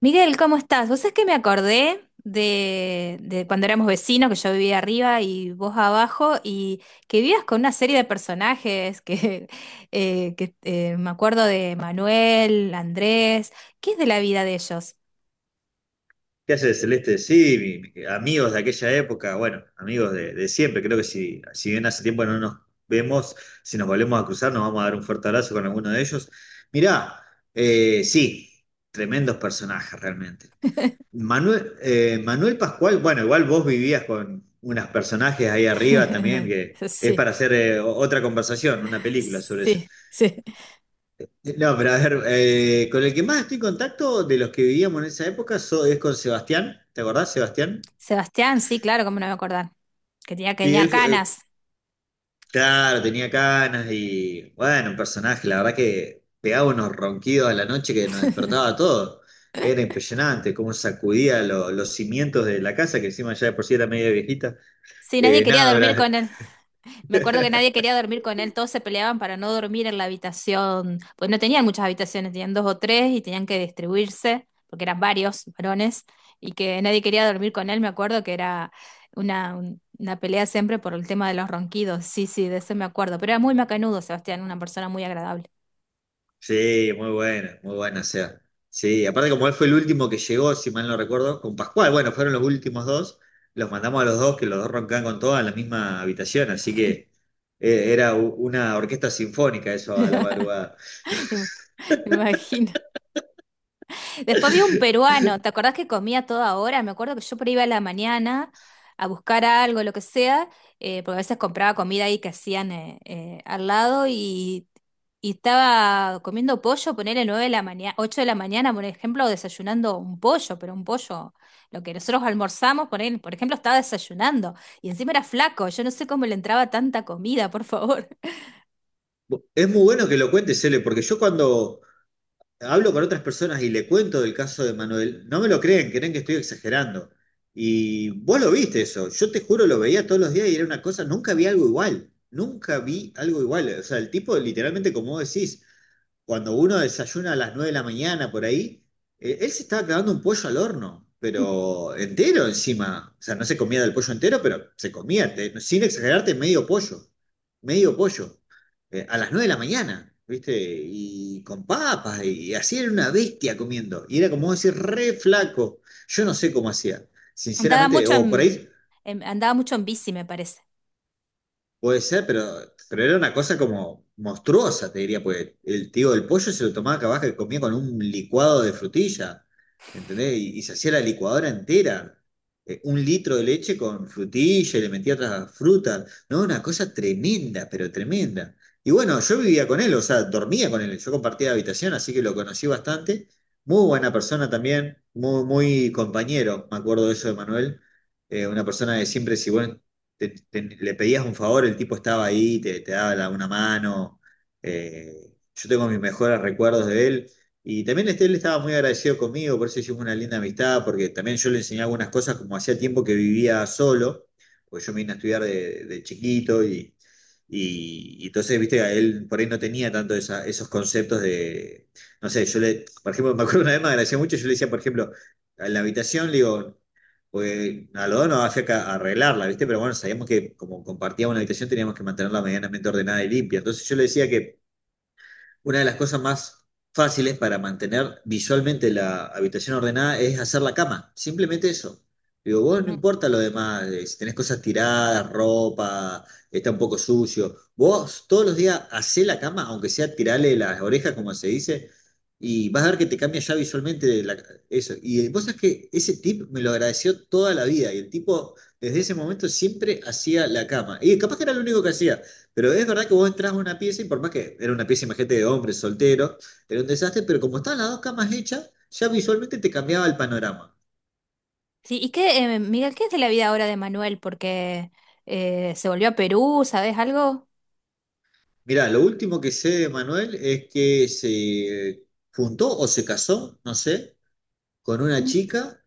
Miguel, ¿cómo estás? Vos sabés que me acordé de cuando éramos vecinos, que yo vivía arriba y vos abajo, y que vivías con una serie de personajes, que, me acuerdo de Manuel, Andrés, ¿qué es de la vida de ellos? ¿Qué haces, Celeste? Sí, amigos de aquella época, bueno, amigos de siempre. Creo que si bien hace tiempo no nos vemos, si nos volvemos a cruzar, nos vamos a dar un fuerte abrazo con alguno de ellos. Mirá, sí, tremendos personajes realmente. Manuel, Manuel Pascual, bueno, igual vos vivías con unos personajes ahí arriba también, que es Sí, para hacer otra conversación, una película sobre eso. sí, sí. No, pero a ver, con el que más estoy en contacto de los que vivíamos en esa época es con Sebastián. ¿Te acordás, Sebastián? Sebastián, sí, claro, cómo no me acordar, que tenía, que Sí, tenía él fue, canas. claro, tenía canas y bueno, un personaje, la verdad que pegaba unos ronquidos a la noche que nos despertaba a todos. Era impresionante cómo sacudía los cimientos de la casa, que encima ya de por sí era media viejita. Sí, nadie quería Nada, dormir Brad. con él. Me acuerdo que nadie quería dormir con él, todos se peleaban para no dormir en la habitación, pues no tenían muchas habitaciones, tenían dos o tres y tenían que distribuirse, porque eran varios varones, y que nadie quería dormir con él, me acuerdo que era una pelea siempre por el tema de los ronquidos, sí, sí, de eso me acuerdo, pero era muy macanudo, Sebastián, una persona muy agradable. Sí, muy buena, o sea. Sí, aparte como él fue el último que llegó, si mal no recuerdo, con Pascual, bueno, fueron los últimos dos, los mandamos a los dos, que los dos roncaban con todas en la misma habitación, así que era una orquesta sinfónica eso a la madrugada. me, me imagino. Después vi un peruano, ¿te acordás que comía a toda hora? Me acuerdo que yo por ahí iba a la mañana a buscar algo, lo que sea, porque a veces compraba comida ahí que hacían al lado y estaba comiendo pollo, ponerle 9 de la mañana, 8 de la mañana, por ejemplo, desayunando un pollo, pero un pollo, lo que nosotros almorzamos, poner, por ejemplo, estaba desayunando y encima era flaco, yo no sé cómo le entraba tanta comida, por favor. Es muy bueno que lo cuentes, Cele, porque yo cuando hablo con otras personas y le cuento del caso de Manuel, no me lo creen, creen que estoy exagerando. Y vos lo viste eso, yo te juro, lo veía todos los días y era una cosa, nunca vi algo igual, nunca vi algo igual. O sea, el tipo literalmente, como vos decís, cuando uno desayuna a las 9 de la mañana por ahí, él se estaba clavando un pollo al horno, pero entero encima. O sea, no se comía del pollo entero, pero se comía, sin exagerarte, medio pollo. Medio pollo. A las 9 de la mañana, ¿viste? Y con papas, y así era una bestia comiendo. Y era como decir, re flaco. Yo no sé cómo hacía. Andaba Sinceramente, mucho o por en, ahí. andaba mucho en bici, me parece. Puede ser, pero era una cosa como monstruosa, te diría, pues el tío del pollo se lo tomaba acá abajo y comía con un licuado de frutilla. ¿Entendés? Y se hacía la licuadora entera, 1 litro de leche con frutilla y le metía otras frutas, ¿no? Una cosa tremenda, pero tremenda. Y bueno, yo vivía con él, o sea, dormía con él, yo compartía habitación, así que lo conocí bastante. Muy buena persona también, muy, muy compañero, me acuerdo de eso de Manuel. Una persona que siempre, si vos le pedías un favor, el tipo estaba ahí, te daba una mano. eh, yo tengo mis mejores recuerdos de él. Y también este, él estaba muy agradecido conmigo, por eso hicimos una linda amistad, porque también yo le enseñé algunas cosas, como hacía tiempo que vivía solo, porque yo me vine a estudiar de chiquito y entonces, viste, a él por ahí no tenía tanto esos conceptos de, no sé, yo le, por ejemplo, me acuerdo una vez me agradecía mucho, yo le decía, por ejemplo, en la habitación, le digo, pues a algodón no hacía que arreglarla, ¿viste? Pero bueno, sabíamos que como compartíamos una habitación teníamos que mantenerla medianamente ordenada y limpia. Entonces yo le decía que una de las cosas más fáciles para mantener visualmente la habitación ordenada es hacer la cama, simplemente eso. Digo, vos no importa lo demás, si tenés cosas tiradas, ropa, está un poco sucio, vos todos los días hacé la cama, aunque sea tirarle las orejas, como se dice, y vas a ver que te cambia ya visualmente de eso. Y vos sabés que ese tip me lo agradeció toda la vida, y el tipo desde ese momento siempre hacía la cama, y capaz que era lo único que hacía. Pero es verdad que vos entras a una pieza y por más que era una pieza, imagínate, de hombres solteros, era un desastre, pero como estaban las dos camas hechas, ya visualmente te cambiaba el panorama. Sí, ¿y qué, Miguel, qué es de la vida ahora de Manuel? Porque se volvió a Perú, ¿sabes algo? Mirá, lo último que sé de Manuel es que se juntó o se casó, no sé, con una Mm. chica,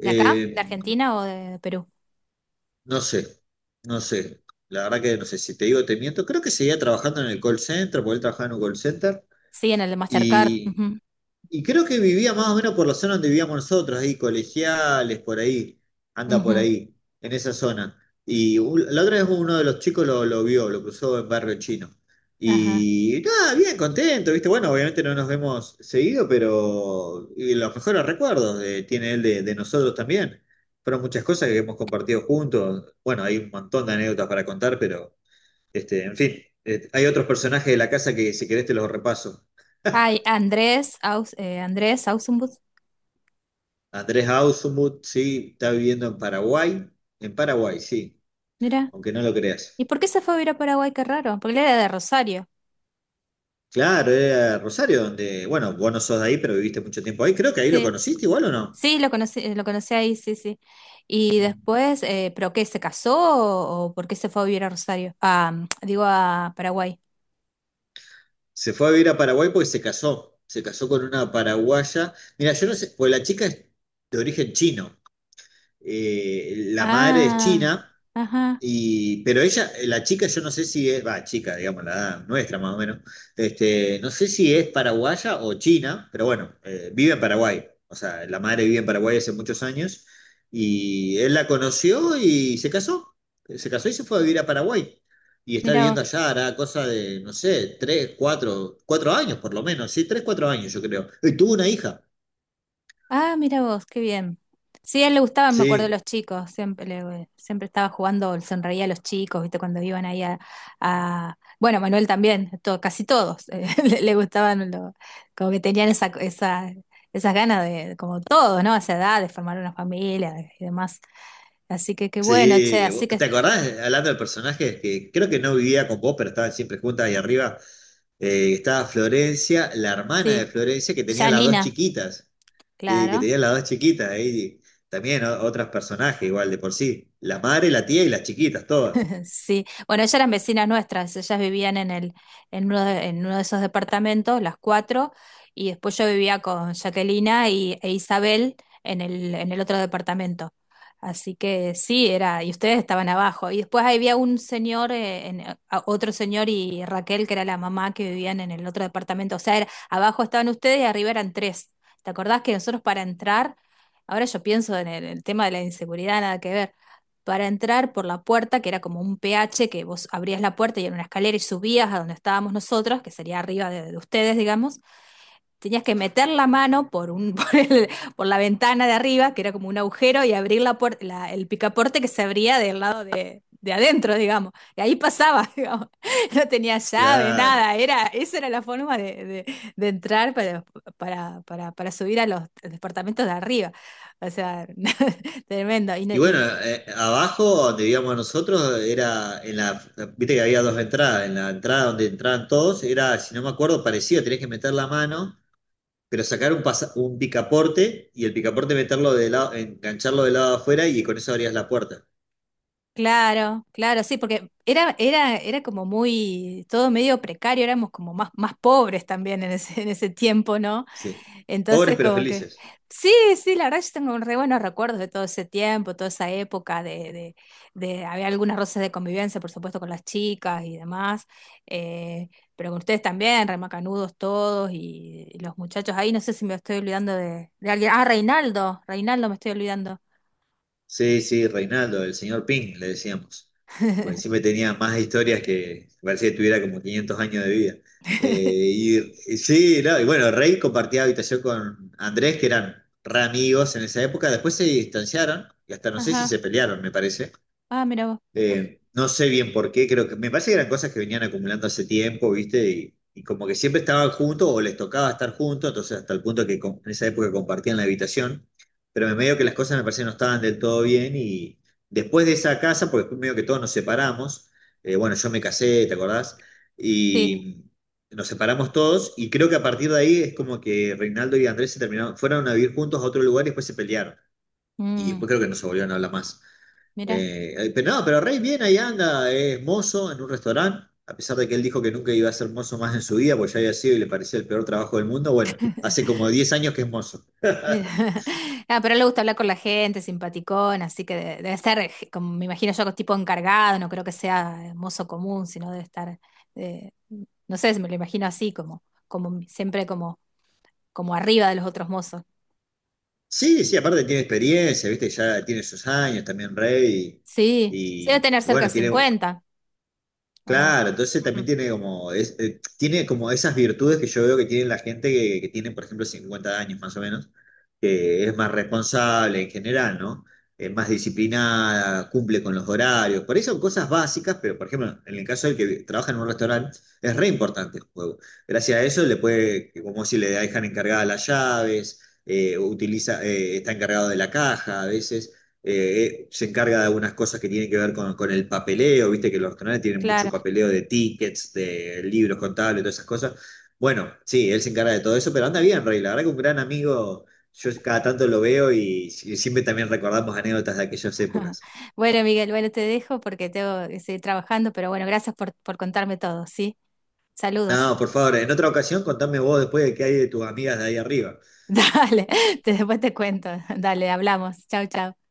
¿De acá? ¿De eh, Argentina o de Perú? no sé, no sé. La verdad que no sé, si te digo te miento, creo que seguía trabajando en el call center, porque él trabajaba en un call center, Sí, en el de Mastercard. y. Ujú, Y creo que vivía más o menos por la zona donde vivíamos nosotros, ahí, colegiales, por ahí, anda por ujú, ahí, en esa zona. Y la otra vez uno de los chicos lo vio, lo cruzó en Barrio Chino. ajá. Y nada, bien contento, ¿viste? Bueno, obviamente no nos vemos seguido, pero y los mejores recuerdos tiene él de nosotros también. Fueron muchas cosas que hemos compartido juntos. Bueno, hay un montón de anécdotas para contar, pero, este, en fin, hay otros personajes de la casa que si querés te los repaso. Ay, Andrés Ausenbus, Andrés Ausmuth, sí, está viviendo en Paraguay. En Paraguay, sí, mira. aunque no lo ¿Y creas. por qué se fue a vivir a Paraguay? Qué raro, porque él era de Rosario. Claro, era Rosario, donde, bueno, vos no sos de ahí, pero viviste mucho tiempo ahí. Creo que ahí lo Sí, conociste igual o no. sí, lo conocí ahí, sí, sí. Y después, ¿pero qué? ¿Se casó o por qué se fue a vivir a Rosario? Ah, digo, a Paraguay. Se fue a vivir a Paraguay porque se casó. Se casó con una paraguaya. Mira, yo no sé, pues la chica es de origen chino. La madre es Ah, china. ajá, Y, pero ella, la chica, yo no sé si es, va, chica, digamos, la edad nuestra más o menos, este, no sé si es paraguaya o china, pero bueno, vive en Paraguay, o sea, la madre vive en Paraguay hace muchos años, y él la conoció y se casó y se fue a vivir a Paraguay, y está mira viviendo vos. allá, hará cosa de, no sé, tres, cuatro, cuatro años por lo menos, sí, tres, cuatro años yo creo, y tuvo una hija, Ah, mira vos, qué bien. Sí, a él le gustaban, me acuerdo, los sí. chicos. Siempre estaba jugando, le sonreía a los chicos, ¿viste? Cuando iban ahí. Bueno, Manuel también, casi todos. Le gustaban, como que tenían esas ganas de, como todos, ¿no? A esa edad, de formar una familia y demás. Así que qué bueno, che, Sí, así que ¿te acordás, hablando de personajes, que creo que no vivía con vos, pero estaban siempre juntas ahí arriba? Estaba Florencia, la hermana de sí, Florencia, que tenía ya las dos Nina, chiquitas, sí, que claro. tenía las dos chiquitas ahí. También otros personajes igual de por sí. La madre, la tía y las chiquitas, todas. Sí, bueno, ellas eran vecinas nuestras, ellas vivían en uno de esos departamentos, las cuatro, y después yo vivía con Jaquelina e Isabel en el otro departamento. Así que sí, era, y ustedes estaban abajo. Y después había un señor, otro señor y Raquel, que era la mamá que vivían en el otro departamento. O sea, abajo estaban ustedes y arriba eran tres. ¿Te acordás que nosotros para entrar, ahora yo pienso en el tema de la inseguridad, nada que ver, para entrar por la puerta, que era como un PH, que vos abrías la puerta y era una escalera y subías a donde estábamos nosotros, que sería arriba de ustedes, digamos, tenías que meter la mano por la ventana de arriba, que era como un agujero, y abrir la puerta, el picaporte que se abría del lado de adentro, digamos. Y ahí pasaba, digamos. No tenía llave, Claro. nada. Esa era la forma de entrar para, para subir a los departamentos de arriba. O sea, tremendo. Y bueno, abajo donde vivíamos nosotros era en la, viste que había dos entradas, en la entrada donde entraban todos era, si no me acuerdo, parecido, tenés que meter la mano pero sacar un, un picaporte y el picaporte meterlo de lado, engancharlo del lado afuera y con eso abrías la puerta. Claro, claro, sí, porque era como muy, todo medio precario, éramos como más, pobres también en ese tiempo, ¿no? Sí. Pobres Entonces, pero como que, felices. sí, sí, la verdad yo tengo re buenos recuerdos de todo ese tiempo, toda esa época. Había algunas roces de convivencia, por supuesto, con las chicas y demás, eh, pero con ustedes también, remacanudos todos y los muchachos ahí, no sé si me estoy olvidando de alguien, ah, Reinaldo me estoy olvidando. Sí, sí, Reinaldo, el señor Ping, le decíamos. Porque siempre tenía más historias que parecía que tuviera como 500 años de vida. Eh, y sí, no, y bueno, Rey compartía habitación con Andrés, que eran re amigos en esa época. Después se distanciaron y hasta no sé si Ajá, se pelearon, me parece. ah, mira vos. No sé bien por qué, creo que me parece que eran cosas que venían acumulando hace tiempo, ¿viste? Y como que siempre estaban juntos o les tocaba estar juntos, entonces hasta el punto que en esa época compartían la habitación, pero me medio que las cosas me parece que no estaban del todo bien y después de esa casa, porque después medio que todos nos separamos, bueno, yo me casé, ¿te acordás? Sí. Y nos separamos todos y creo que a partir de ahí es como que Reinaldo y Andrés se terminaron, fueron a vivir juntos a otro lugar y después se pelearon y Mm, después creo que no se volvieron a hablar más. mira, Pero no, pero Rey bien ahí anda, es mozo en un restaurante, a pesar de que él dijo que nunca iba a ser mozo más en su vida, porque ya había sido y le parecía el peor trabajo del mundo. Bueno, hace como 10 años que es mozo. mira. Ah, pero a él le gusta hablar con la gente, simpaticón, así que debe ser, como me imagino yo, tipo encargado, no creo que sea mozo común, sino debe estar, eh, no sé, me lo imagino así, como siempre como arriba de los otros mozos. Sí, sí, aparte tiene experiencia, viste, ya tiene sus años también Rey, Sí, sí y, debe tener y cerca de bueno, tiene. 50, ¿o no? Claro, entonces también Ujú. tiene como, tiene como esas virtudes que yo veo que tiene la gente que, tiene, por ejemplo, 50 años más o menos, que es más responsable en general, ¿no? Es más disciplinada, cumple con los horarios. Por ahí son cosas básicas, pero por ejemplo, en el caso del que trabaja en un restaurante, es re importante el juego. Gracias a eso le puede, como si le dejan encargada las llaves, utiliza, está encargado de la caja a veces se encarga de algunas cosas que tienen que ver con, el papeleo, viste que los canales tienen mucho Claro. papeleo de tickets, de libros contables, todas esas cosas. Bueno, sí, él se encarga de todo eso, pero anda bien, Rey, la verdad que un gran amigo, yo cada tanto lo veo y siempre también recordamos anécdotas de aquellas épocas. Bueno, Miguel, bueno, te dejo porque tengo que seguir trabajando, pero bueno, gracias por contarme todo, ¿sí? Saludos. No, por favor, en otra ocasión contame vos después de qué hay de tus amigas de ahí arriba. Dale, después te cuento. Dale, hablamos. Chau, chau.